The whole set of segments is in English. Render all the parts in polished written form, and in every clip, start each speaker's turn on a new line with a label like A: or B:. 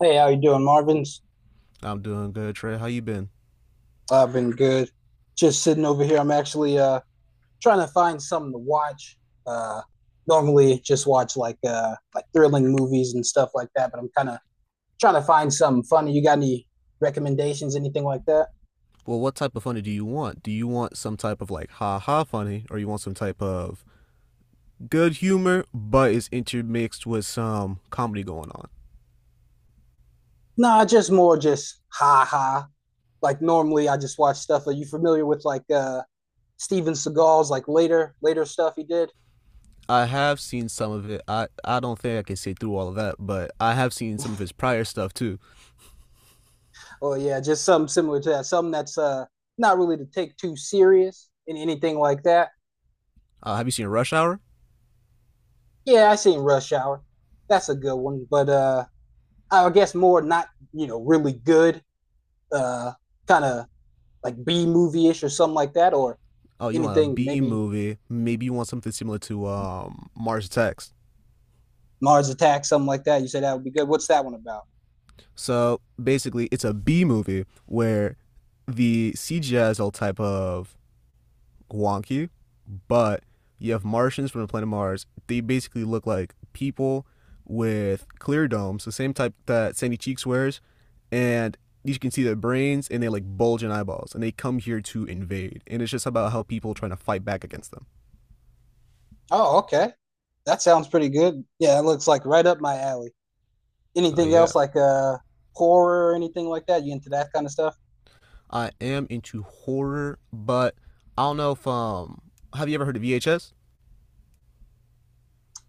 A: Hey, how you doing, Marvin's?
B: I'm doing good, Trey. How you been?
A: I've been good. Just sitting over here. I'm actually trying to find something to watch. Uh Normally just watch like thrilling movies and stuff like that, but I'm kind of trying to find something funny. You got any recommendations, anything like that?
B: Well, what type of funny do you want? Do you want some type of like ha ha funny, or you want some type of good humor, but it's intermixed with some comedy going on?
A: No, just more just ha ha. Like normally I just watch stuff. Are you familiar with like Steven Seagal's like later stuff he did?
B: I have seen some of it. I don't think I can sit through all of that, but I have seen some of his prior stuff too.
A: Oh yeah, just something similar to that. Something that's not really to take too serious and anything like that.
B: Have you seen Rush Hour?
A: Yeah, I seen Rush Hour. That's a good one, but I guess more not really good, uh kind of like B movie ish or something like that, or
B: Oh, you want a
A: anything
B: B
A: maybe
B: movie? Maybe you want something similar to Mars Attacks.
A: Mars Attacks, something like that. You said that would be good. What's that one about?
B: So basically, it's a B movie where the CGI is all type of wonky, but you have Martians from the planet Mars. They basically look like people with clear domes, the same type that Sandy Cheeks wears, and you can see their brains and they like bulge in eyeballs, and they come here to invade. And it's just about how people are trying to fight back against them.
A: Oh, okay, that sounds pretty good. Yeah, it looks like right up my alley.
B: Oh,
A: Anything
B: yeah,
A: else like horror or anything like that? You into that kind of stuff?
B: I am into horror, but I don't know if have you ever heard of VHS?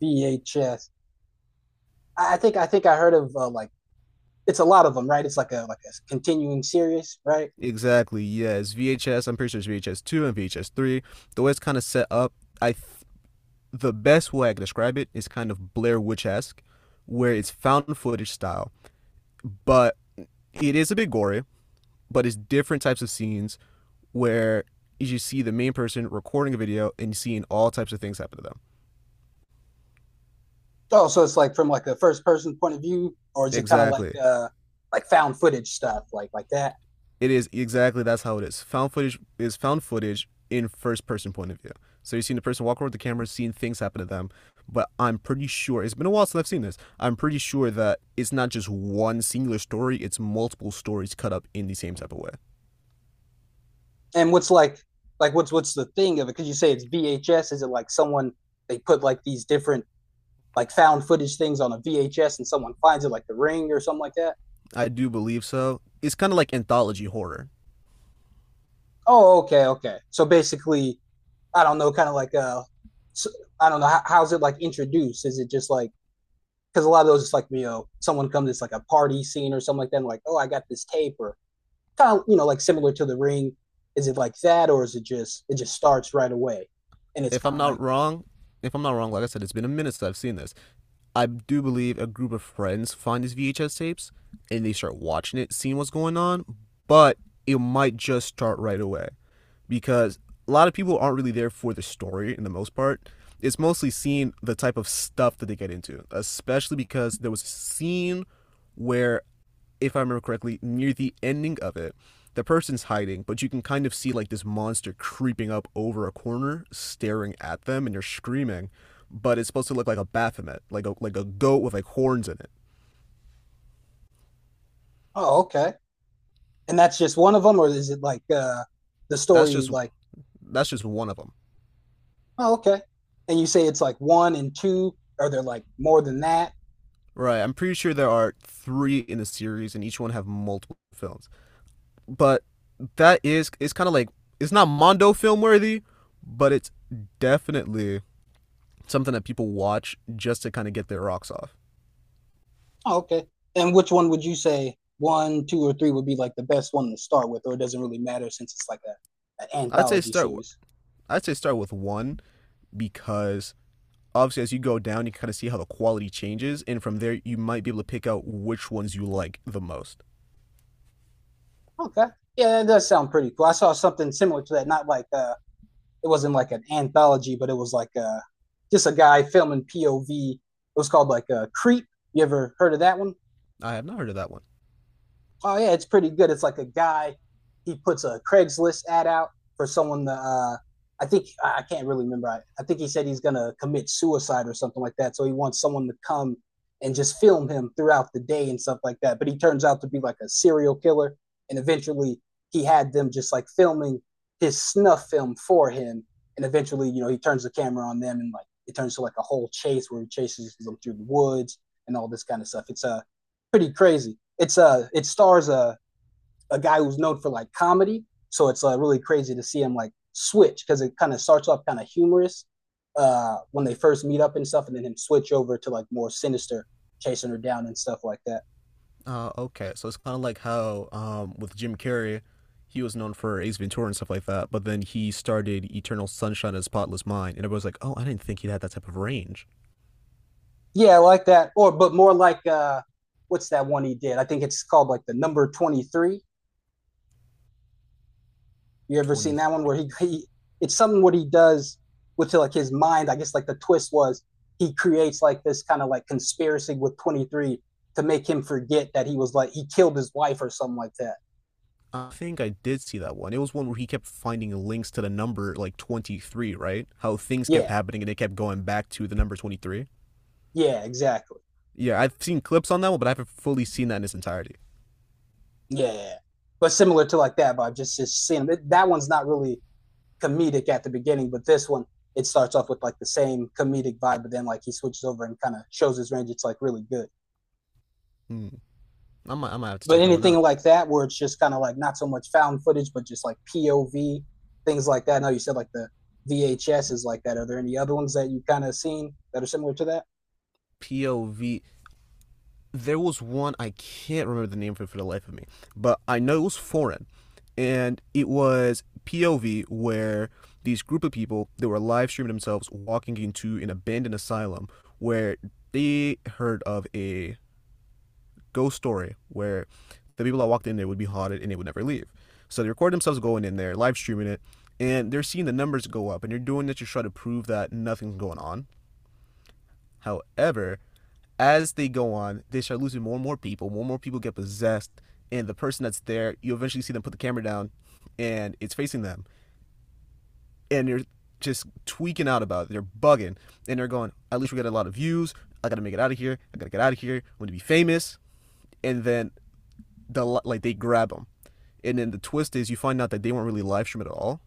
A: VHS. I think I heard of like it's a lot of them, right? It's like a continuing series, right?
B: Exactly. Yes, VHS. I'm pretty sure it's VHS two and VHS three. The way it's kind of set up, I th- the best way I can describe it is kind of Blair Witch esque, where it's found footage style, but it is a bit gory, but it's different types of scenes where you see the main person recording a video and seeing all types of things happen to them.
A: Oh, so it's like from like a first person point of view, or is it kind of like
B: Exactly.
A: uh like found footage stuff, like that?
B: It is exactly that's how it is. Found footage is found footage in first person point of view. So you're seeing the person walk over with the camera, seeing things happen to them. But I'm pretty sure it's been a while since I've seen this. I'm pretty sure that it's not just one singular story, it's multiple stories cut up in the same type of way.
A: And what's like what's the thing of it? Because you say it's VHS, is it like someone they put like these different like found footage things on a VHS and someone finds it, like The Ring or something like that?
B: I do believe so. It's kind of like anthology horror.
A: Oh, okay, okay. So basically, I don't know, kind of like s- I don't know, how's it like introduced? Is it just like because a lot of those it's like someone comes it's like a party scene or something like that and like oh I got this tape or kind of like similar to the ring is it like that or is it just starts right away and it's
B: if
A: kind
B: I'm
A: of like.
B: not wrong, if I'm not wrong, like I said, it's been a minute since I've seen this. I do believe a group of friends find these VHS tapes and they start watching it, seeing what's going on, but it might just start right away because a lot of people aren't really there for the story in the most part. It's mostly seeing the type of stuff that they get into, especially because there was a scene where, if I remember correctly, near the ending of it, the person's hiding, but you can kind of see like this monster creeping up over a corner, staring at them, and you're screaming. But it's supposed to look like a Baphomet, like a goat with like horns in it.
A: Oh okay, and that's just one of them or is it like the
B: That's
A: story
B: just
A: like.
B: that's just one of them.
A: Oh okay, and you say it's like one and two or they're like more than that.
B: Right. I'm pretty sure there are three in the series, and each one have multiple films. But that is it's kind of like it's not Mondo film worthy, but it's definitely something that people watch just to kind of get their rocks off.
A: Oh, okay, and which one would you say one two or three would be like the best one to start with or it doesn't really matter since it's like an
B: I'd say
A: anthology
B: start
A: series?
B: I'd say start with one because obviously as you go down, you kind of see how the quality changes, and from there you might be able to pick out which ones you like the most.
A: Okay. Yeah, that does sound pretty cool. I saw something similar to that. Not like it wasn't like an anthology, but it was like just a guy filming POV. It was called like Creep. You ever heard of that one?
B: I have not heard of that one.
A: Oh yeah, it's pretty good. It's like a guy he puts a Craigslist ad out for someone to. I think I can't really remember. I think he said he's gonna commit suicide or something like that. So he wants someone to come and just film him throughout the day and stuff like that. But he turns out to be like a serial killer, and eventually he had them just like filming his snuff film for him. And eventually, he turns the camera on them, and like it turns to like a whole chase where he chases them through the woods and all this kind of stuff. It's a pretty crazy. It's it stars a guy who's known for like comedy, so it's really crazy to see him like switch because it kind of starts off kind of humorous when they first meet up and stuff, and then him switch over to like more sinister, chasing her down and stuff like that.
B: Okay, so it's kind of like how with Jim Carrey, he was known for Ace Ventura and stuff like that, but then he started Eternal Sunshine of the Spotless Mind, and everyone's like, "Oh, I didn't think he had that type of range."
A: Yeah, I like that. Or but more like what's that one he did? I think it's called like the number 23. You ever
B: Twenty
A: seen that one
B: three.
A: where he it's something what he does with like his mind. I guess like the twist was he creates like this kind of like conspiracy with 23 to make him forget that he was like he killed his wife or something like that.
B: I think I did see that one. It was one where he kept finding links to the number like 23, right? How things kept
A: Yeah,
B: happening and they kept going back to the number 23.
A: yeah, exactly.
B: Yeah, I've seen clips on that one, but I haven't fully seen that in its entirety.
A: Yeah, but similar to like that, but just seeing it, that one's not really comedic at the beginning, but this one it starts off with like the same comedic vibe, but then like he switches over and kind of shows his range. It's like really good.
B: Hmm. I might have to
A: But
B: check that one
A: anything
B: out.
A: like that where it's just kind of like not so much found footage, but just like POV things like that. I know you said like the VHS is like that. Are there any other ones that you kind of seen that are similar to that?
B: POV. There was one I can't remember the name for the life of me, but I know it was foreign, and it was POV where these group of people they were live streaming themselves walking into an abandoned asylum where they heard of a ghost story where the people that walked in there would be haunted and they would never leave. So they record themselves going in there, live streaming it, and they're seeing the numbers go up, and they're doing it to try to prove that nothing's going on. However, as they go on, they start losing more and more people. More and more people get possessed, and the person that's there, you eventually see them put the camera down, and it's facing them, and they're just tweaking out about it. They're bugging, and they're going, "At least we got a lot of views. I gotta make it out of here. I gotta get out of here. I want to be famous." And then the like they grab them. And then the twist is you find out that they weren't really live streaming at all,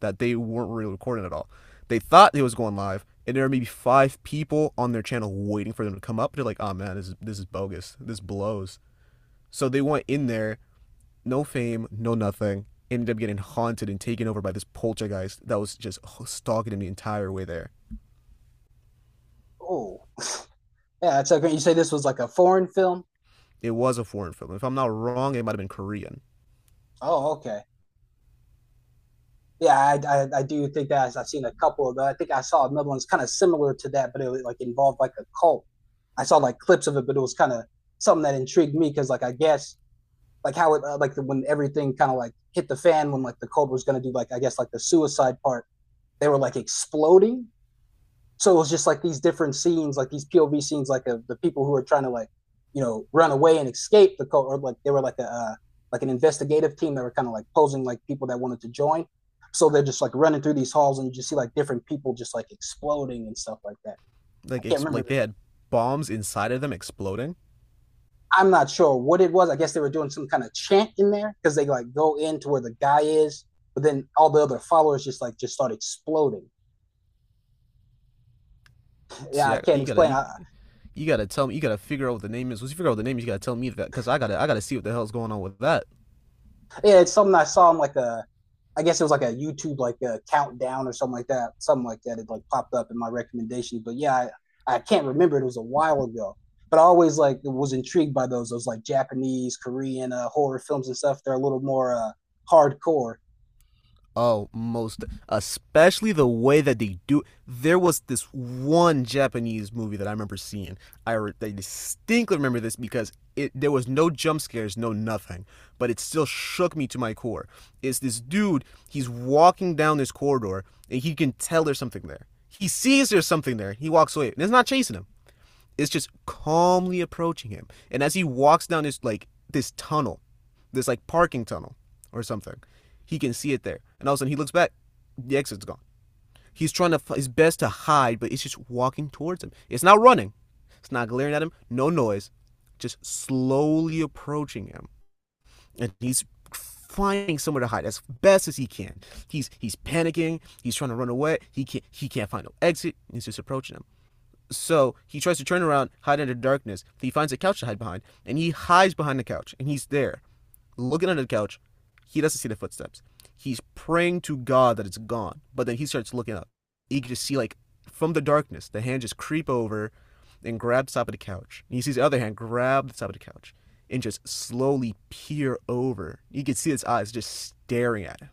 B: that they weren't really recording at all. They thought it was going live, and there are maybe five people on their channel waiting for them to come up. They're like, oh man, this is bogus. This blows. So they went in there, no fame, no nothing, ended up getting haunted and taken over by this poltergeist that was just stalking him the entire way there.
A: Oh, yeah, that's okay. You say this was like a foreign film.
B: It was a foreign film. If I'm not wrong, it might have been Korean.
A: Oh, okay. Yeah, I do think that I've seen a couple of those. I think I saw another one that's kind of similar to that, but it like involved like a cult. I saw like clips of it, but it was kind of something that intrigued me because like I guess like how it like when everything kind of like hit the fan when like the cobra was going to do like I guess like the suicide part, they were like exploding, so it was just like these different scenes, like these POV scenes, like of the people who are trying to like run away and escape the cobra, or like they were like a like an investigative team that were kind of like posing like people that wanted to join, so they're just like running through these halls and you just see like different people just like exploding and stuff like that. I can't
B: Like
A: remember.
B: they had bombs inside of them exploding.
A: I'm not sure what it was. I guess they were doing some kind of chant in there because they like go into where the guy is, but then all the other followers just like just start exploding. Yeah,
B: See,
A: I can't
B: you gotta
A: explain.
B: you gotta tell me. You gotta figure out what the name is. Once you figure out what the name is, you gotta tell me that because I gotta see what the hell's going on with that.
A: Yeah, it's something I saw on like I guess it was like a YouTube like a countdown or something like that, something like that. It like popped up in my recommendations, but yeah, I can't remember. It was a while ago, but I always like was intrigued by those like Japanese, Korean horror films and stuff. They're a little more hardcore.
B: Oh, most especially the way that they do. There was this one Japanese movie that I remember seeing. I distinctly remember this because it there was no jump scares, no nothing, but it still shook me to my core. It's this dude. He's walking down this corridor and he can tell there's something there. He sees there's something there. He walks away and it's not chasing him, is just calmly approaching him. And as he walks down this like this tunnel, this like parking tunnel or something, he can see it there. And all of a sudden he looks back, the exit's gone. He's trying to his best to hide, but it's just walking towards him. It's not running. It's not glaring at him. No noise. Just slowly approaching him. And he's finding somewhere to hide as best as he can. He's panicking. He's trying to run away. He can't find no exit. He's just approaching him. So he tries to turn around, hide under darkness. He finds a couch to hide behind, and he hides behind the couch, and he's there, looking under the couch. He doesn't see the footsteps. He's praying to God that it's gone, but then he starts looking up. He can just see, like, from the darkness, the hand just creep over and grab the top of the couch. And he sees the other hand grab the top of the couch and just slowly peer over. You can see his eyes just staring at him.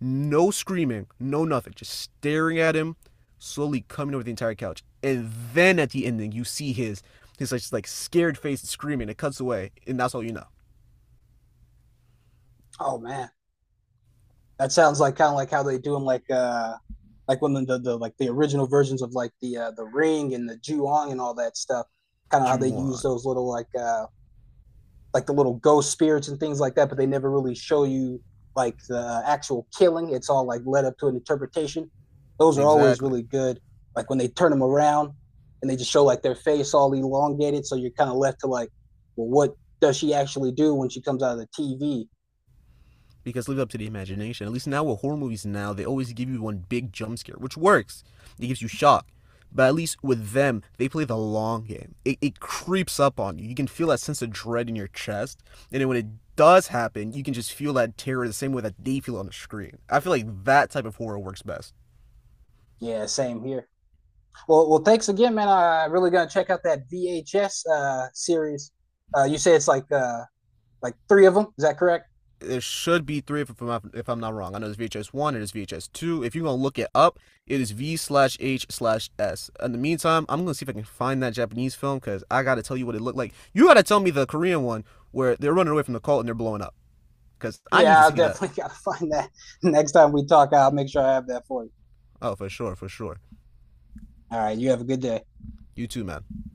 B: No screaming, no nothing. Just staring at him, slowly coming over the entire couch. And then at the ending, you see his like scared face and screaming. It cuts away, and that's all you know.
A: Oh man. That sounds like kind of like how they do them, like when the original versions of like the Ring and the Juong and all that stuff. Kind of how they use
B: Juwan.
A: those little like the little ghost spirits and things like that, but they never really show you like the actual killing. It's all like led up to an interpretation. Those are always
B: Exactly.
A: really good. Like when they turn them around and they just show like their face all elongated, so you're kind of left to like, well, what does she actually do when she comes out of the TV?
B: Because leave it up to the imagination. At least now with horror movies now, they always give you one big jump scare, which works. It gives you shock. But at least with them, they play the long game. It creeps up on you. You can feel that sense of dread in your chest. And then when it does happen, you can just feel that terror the same way that they feel on the screen. I feel like that type of horror works best.
A: Yeah, same here. Well, thanks again, man. I really gonna check out that VHS series. You say it's like three of them. Is that correct?
B: There should be three if I'm not wrong. I know there's VHS one, there's VHS two. If you're gonna look it up, it is V/H/S. In the meantime, I'm gonna see if I can find that Japanese film because I gotta tell you what it looked like. You gotta tell me the Korean one where they're running away from the cult and they're blowing up because I need to
A: Yeah, I
B: see that.
A: definitely gotta find that next time we talk. I'll make sure I have that for you.
B: Oh, for sure, for sure.
A: All right, you have a good day.
B: You too, man.